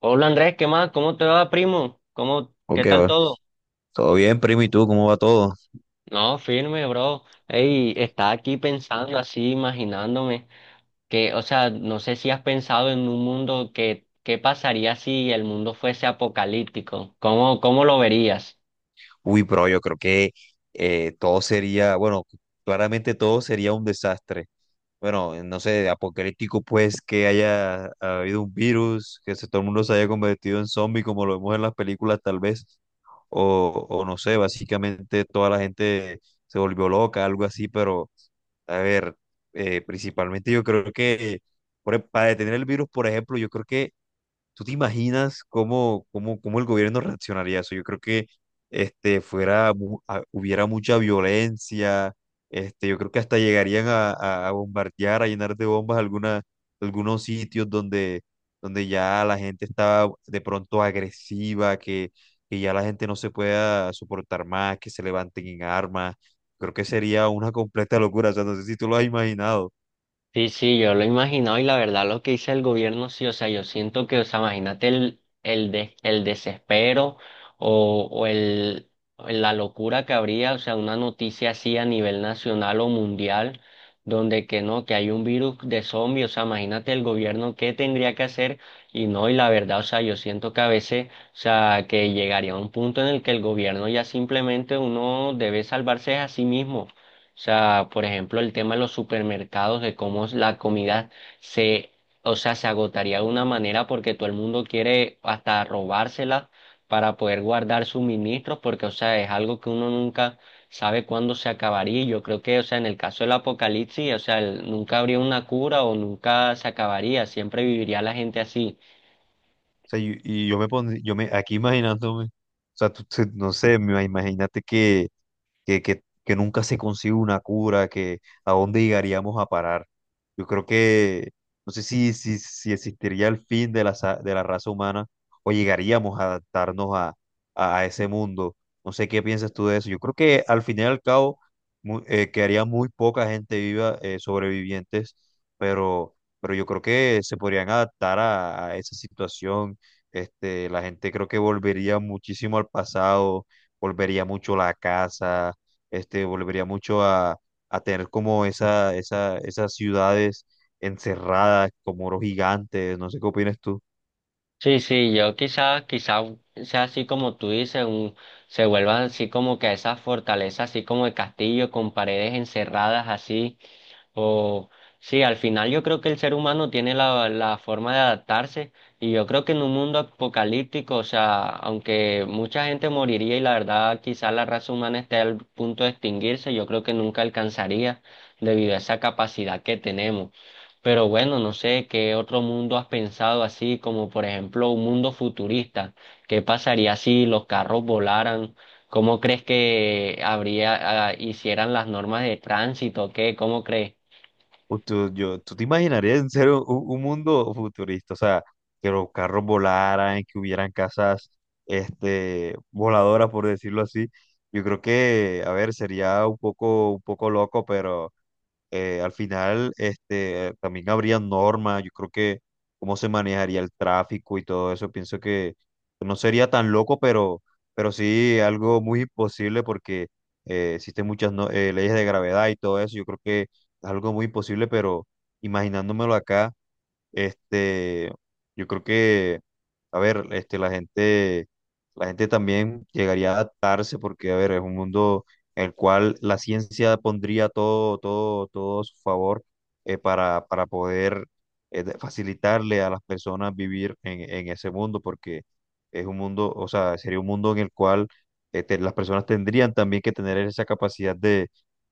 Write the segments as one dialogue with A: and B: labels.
A: Hola Andrés, ¿qué más? ¿Cómo te va, primo? ¿Cómo, qué
B: Ok,
A: tal
B: va.
A: todo?
B: Todo bien, primo, ¿y tú? ¿Cómo va todo?
A: No, firme, bro. Ey, estaba aquí pensando así, imaginándome que, o sea, no sé si has pensado en un mundo que, ¿qué pasaría si el mundo fuese apocalíptico? ¿Cómo lo verías?
B: Uy, bro, yo creo que todo sería, bueno, claramente todo sería un desastre. Bueno, no sé, apocalíptico pues que haya habido un virus, todo el mundo se haya convertido en zombie como lo vemos en las películas tal vez, o no sé, básicamente toda la gente se volvió loca, algo así, pero a ver, principalmente yo creo que para detener el virus, por ejemplo, yo creo que. ¿Tú te imaginas cómo el gobierno reaccionaría a eso? Yo creo que fuera, hubiera mucha violencia, yo creo que hasta llegarían a bombardear, a llenar de bombas alguna, algunos sitios donde, donde ya la gente estaba de pronto agresiva, que ya la gente no se pueda soportar más, que se levanten en armas. Creo que sería una completa locura, o sea, no sé si tú lo has imaginado.
A: Sí, sí, yo lo he imaginado y la verdad lo que dice el gobierno, sí, o sea, yo siento que, o sea, imagínate el desespero o, o el, la locura que habría, o sea, una noticia así a nivel nacional o mundial, donde que no, que hay un virus de zombies, o sea, imagínate el gobierno qué tendría que hacer y no, y la verdad, o sea, yo siento que a veces, o sea, que llegaría a un punto en el que el gobierno ya simplemente uno debe salvarse a sí mismo. O sea, por ejemplo, el tema de los supermercados, de cómo es la comida se, o sea, se agotaría de una manera porque todo el mundo quiere hasta robársela para poder guardar suministros, porque, o sea, es algo que uno nunca sabe cuándo se acabaría. Yo creo que, o sea, en el caso del apocalipsis, o sea, nunca habría una cura o nunca se acabaría, siempre viviría la gente así.
B: Sea, y yo me pondría, yo me, aquí imaginándome, o sea, no sé, imagínate que, que nunca se consigue una cura, que a dónde llegaríamos a parar. Yo creo que, no sé si existiría el fin de la, de la raza humana o llegaríamos a adaptarnos a ese mundo. No sé qué piensas tú de eso. Yo creo que al fin y al cabo quedaría muy poca gente viva, sobrevivientes, pero yo creo que se podrían adaptar a esa situación. Este, la gente creo que volvería muchísimo al pasado, volvería mucho a la casa, este, volvería mucho a tener como esas ciudades encerradas, como muros gigantes, no sé qué opinas tú.
A: Sí, sí, yo quizás, quizás sea así como tú dices, se vuelvan así como que esas fortalezas, así como el castillo, con paredes encerradas así, o sí, al final yo creo que el ser humano tiene la forma de adaptarse y yo creo que en un mundo apocalíptico, o sea, aunque mucha gente moriría y la verdad quizá la raza humana esté al punto de extinguirse, yo creo que nunca alcanzaría debido a esa capacidad que tenemos. Pero bueno, no sé qué otro mundo has pensado así, como por ejemplo un mundo futurista. ¿Qué pasaría si los carros volaran? ¿Cómo crees que habría, ah, hicieran las normas de tránsito? ¿Qué? ¿Cómo crees?
B: O tú, yo, ¿tú te imaginarías en serio un mundo futurista? O sea, que los carros volaran, que hubieran casas, este, voladoras, por decirlo así. Yo creo que, a ver, sería un poco loco, pero al final, este, también habría normas, yo creo que cómo se manejaría el tráfico y todo eso, pienso que no sería tan loco, pero sí algo muy imposible porque existen muchas no- leyes de gravedad y todo eso, yo creo que es algo muy imposible, pero imaginándomelo acá, este, yo creo que, a ver, este, la gente también llegaría a adaptarse porque, a ver, es un mundo en el cual la ciencia pondría todo a su favor. Para poder facilitarle a las personas vivir en ese mundo porque es un mundo, o sea, sería un mundo en el cual este, las personas tendrían también que tener esa capacidad de,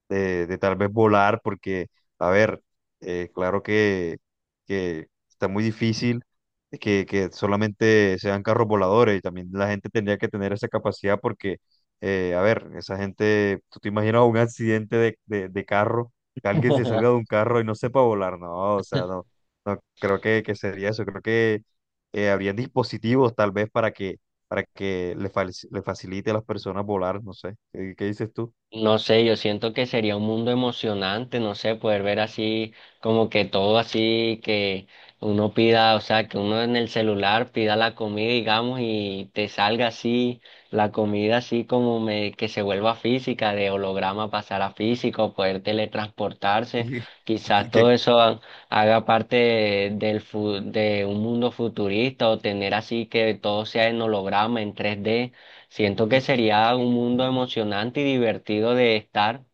B: de, de tal vez volar porque, a ver, claro que que está muy difícil que solamente sean carros voladores y también la gente tendría que tener esa capacidad porque, a ver, esa gente, tú te imaginas un accidente de carro, que alguien se salga de un carro y no sepa volar, no, o sea, no, no creo que sería eso, creo que habrían dispositivos tal vez para que le, le facilite a las personas volar, no sé, ¿qué, qué dices tú?
A: No sé, yo siento que sería un mundo emocionante, no sé, poder ver así, como que todo así, que uno pida, o sea, que uno en el celular pida la comida, digamos, y te salga así, la comida así como que se vuelva física, de holograma pasar a físico, poder teletransportarse,
B: Y,
A: quizás todo eso haga parte de un mundo futurista o tener así que todo sea en holograma, en 3D. Siento que
B: Qué-
A: sería un mundo emocionante y divertido de estar.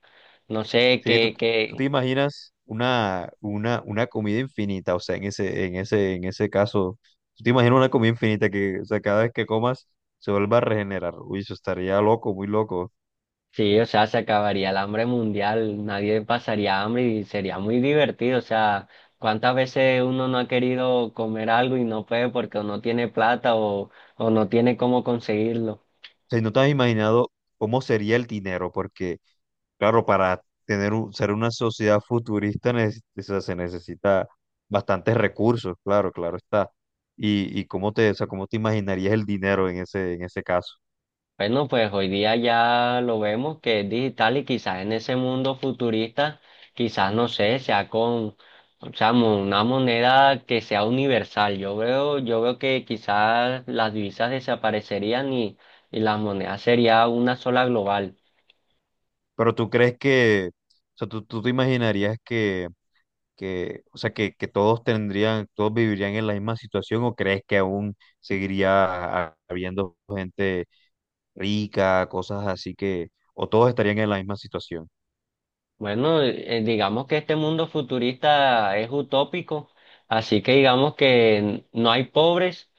A: No sé
B: Sí, tú, tú te imaginas una comida infinita, o sea, en ese, en ese caso, tú te imaginas una comida infinita que, o sea, cada vez que comas se vuelva a regenerar. Uy, eso estaría loco, muy loco. O
A: sí, o sea, se acabaría el hambre mundial, nadie pasaría hambre y sería muy divertido. O sea, cuántas veces uno no ha querido comer algo y no puede porque o no tiene plata o no tiene cómo conseguirlo.
B: sea, no te has imaginado cómo sería el dinero, porque, claro, para tener ser una sociedad futurista, o sea, se necesita bastantes recursos, claro, claro está. Y cómo te, o sea, cómo te imaginarías el dinero en ese caso.
A: Bueno, pues hoy día ya lo vemos que es digital y quizás en ese mundo futurista, quizás no sé, sea con, o sea, una moneda que sea universal. Yo veo que quizás las divisas desaparecerían y las monedas sería una sola global.
B: Pero tú crees que, o sea, tú te imaginarías que, o sea, que todos tendrían, todos vivirían en la misma situación o crees que aún seguiría habiendo gente rica, cosas así que, ¿o todos estarían en la misma situación?
A: Bueno, digamos que este mundo futurista es utópico, así que digamos que no hay pobres,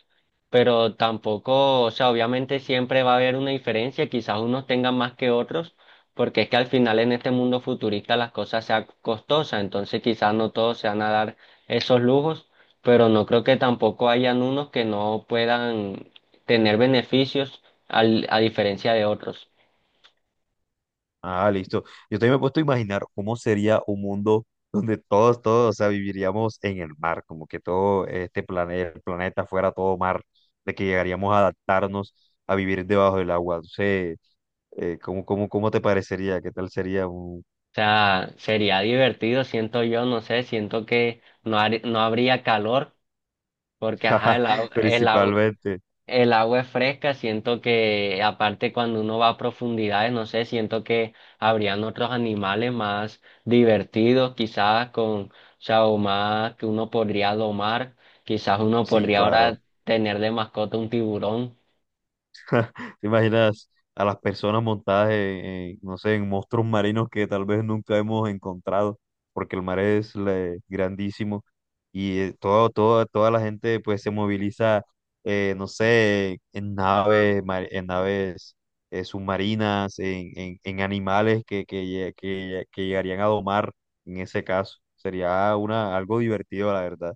A: pero tampoco, o sea, obviamente siempre va a haber una diferencia, quizás unos tengan más que otros, porque es que al final en este mundo futurista las cosas sean costosas, entonces quizás no todos se van a dar esos lujos, pero no creo que tampoco hayan unos que no puedan tener beneficios a diferencia de otros.
B: Ah, listo. Yo también me he puesto a imaginar cómo sería un mundo donde todos, o sea, viviríamos en el mar, como que todo este planeta, el planeta fuera todo mar, de que llegaríamos a adaptarnos a vivir debajo del agua. No sé, cómo te parecería? ¿Qué tal sería un...
A: O sea, sería divertido, siento yo, no sé, siento que no, no habría calor, porque ajá,
B: principalmente?
A: el agua es fresca, siento que aparte cuando uno va a profundidades, no sé, siento que habrían otros animales más divertidos, quizás con, o sea, o más que uno podría domar, quizás uno
B: Sí,
A: podría
B: claro.
A: ahora tener de mascota un tiburón.
B: ¿Te imaginas a las personas montadas en, no sé, en monstruos marinos que tal vez nunca hemos encontrado, porque el mar es grandísimo y toda la gente pues se moviliza, no sé, en naves, en naves submarinas, en animales que llegarían a domar en ese caso. Sería una, algo divertido, la verdad.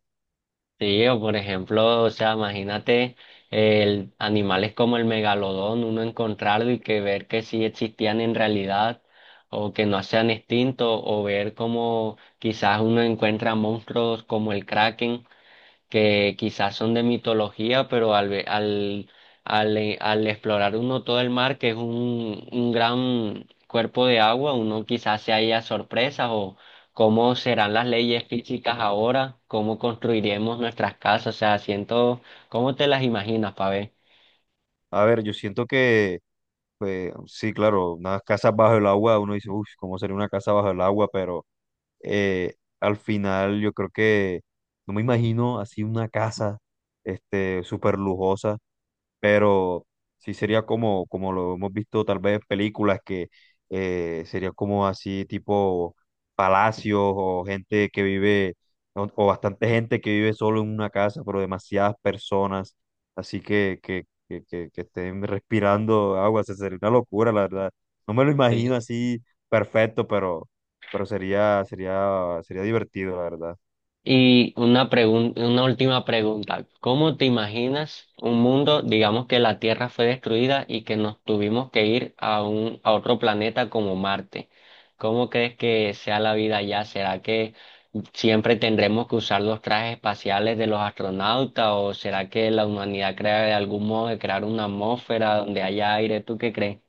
A: Sí, o por ejemplo, o sea, imagínate el, animales como el megalodón, uno encontrarlo y que ver que sí existían en realidad o que no sean extintos, o ver como quizás uno encuentra monstruos como el kraken que quizás son de mitología, pero al, ve- al, al, al explorar uno todo el mar, que es un gran cuerpo de agua, uno quizás se haya sorpresas o cómo serán las leyes físicas ahora, cómo construiremos nuestras casas, o sea, siento, ¿cómo te las imaginas, Pabé?
B: A ver, yo siento. Pues sí, claro, unas casas bajo el agua, uno dice, uff, ¿cómo sería una casa bajo el agua? Pero al final yo creo que no me imagino así una casa, este, súper lujosa, pero sí sería como, como lo hemos visto tal vez en películas que sería como así tipo palacios o gente que vive o bastante gente que vive solo en una casa, pero demasiadas personas, así que estén respirando agua, se sería una locura, la verdad. No me lo
A: Sí.
B: imagino así perfecto, pero sería divertido, la verdad.
A: Y una una última pregunta. ¿Cómo te imaginas un mundo, digamos que la Tierra fue destruida y que nos tuvimos que ir a un, a otro planeta como Marte? ¿Cómo crees que sea la vida allá? ¿Será que siempre tendremos que usar los trajes espaciales de los astronautas o será que la humanidad crea de algún modo de crear una atmósfera donde haya aire? ¿Tú qué crees?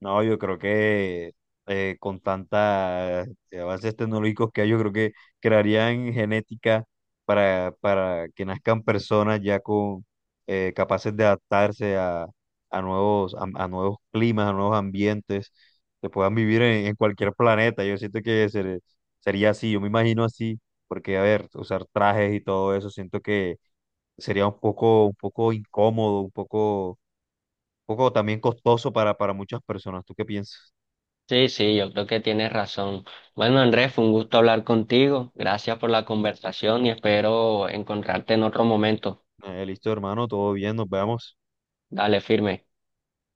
B: No, yo creo que con tantas avances tecnológicos que hay, yo creo que crearían genética para que nazcan personas ya con capaces de adaptarse a, a nuevos climas, a nuevos ambientes, que puedan vivir en cualquier planeta. Yo siento que sería así, yo me imagino así, porque a ver, usar trajes y todo eso, siento que sería un poco incómodo, un poco también costoso para muchas personas. ¿Tú qué piensas?
A: Sí, sí, yo creo que tienes razón. Bueno, Andrés, fue un gusto hablar contigo. Gracias por la conversación y espero encontrarte en otro momento.
B: Listo, hermano, todo bien, nos vemos.
A: Dale, firme.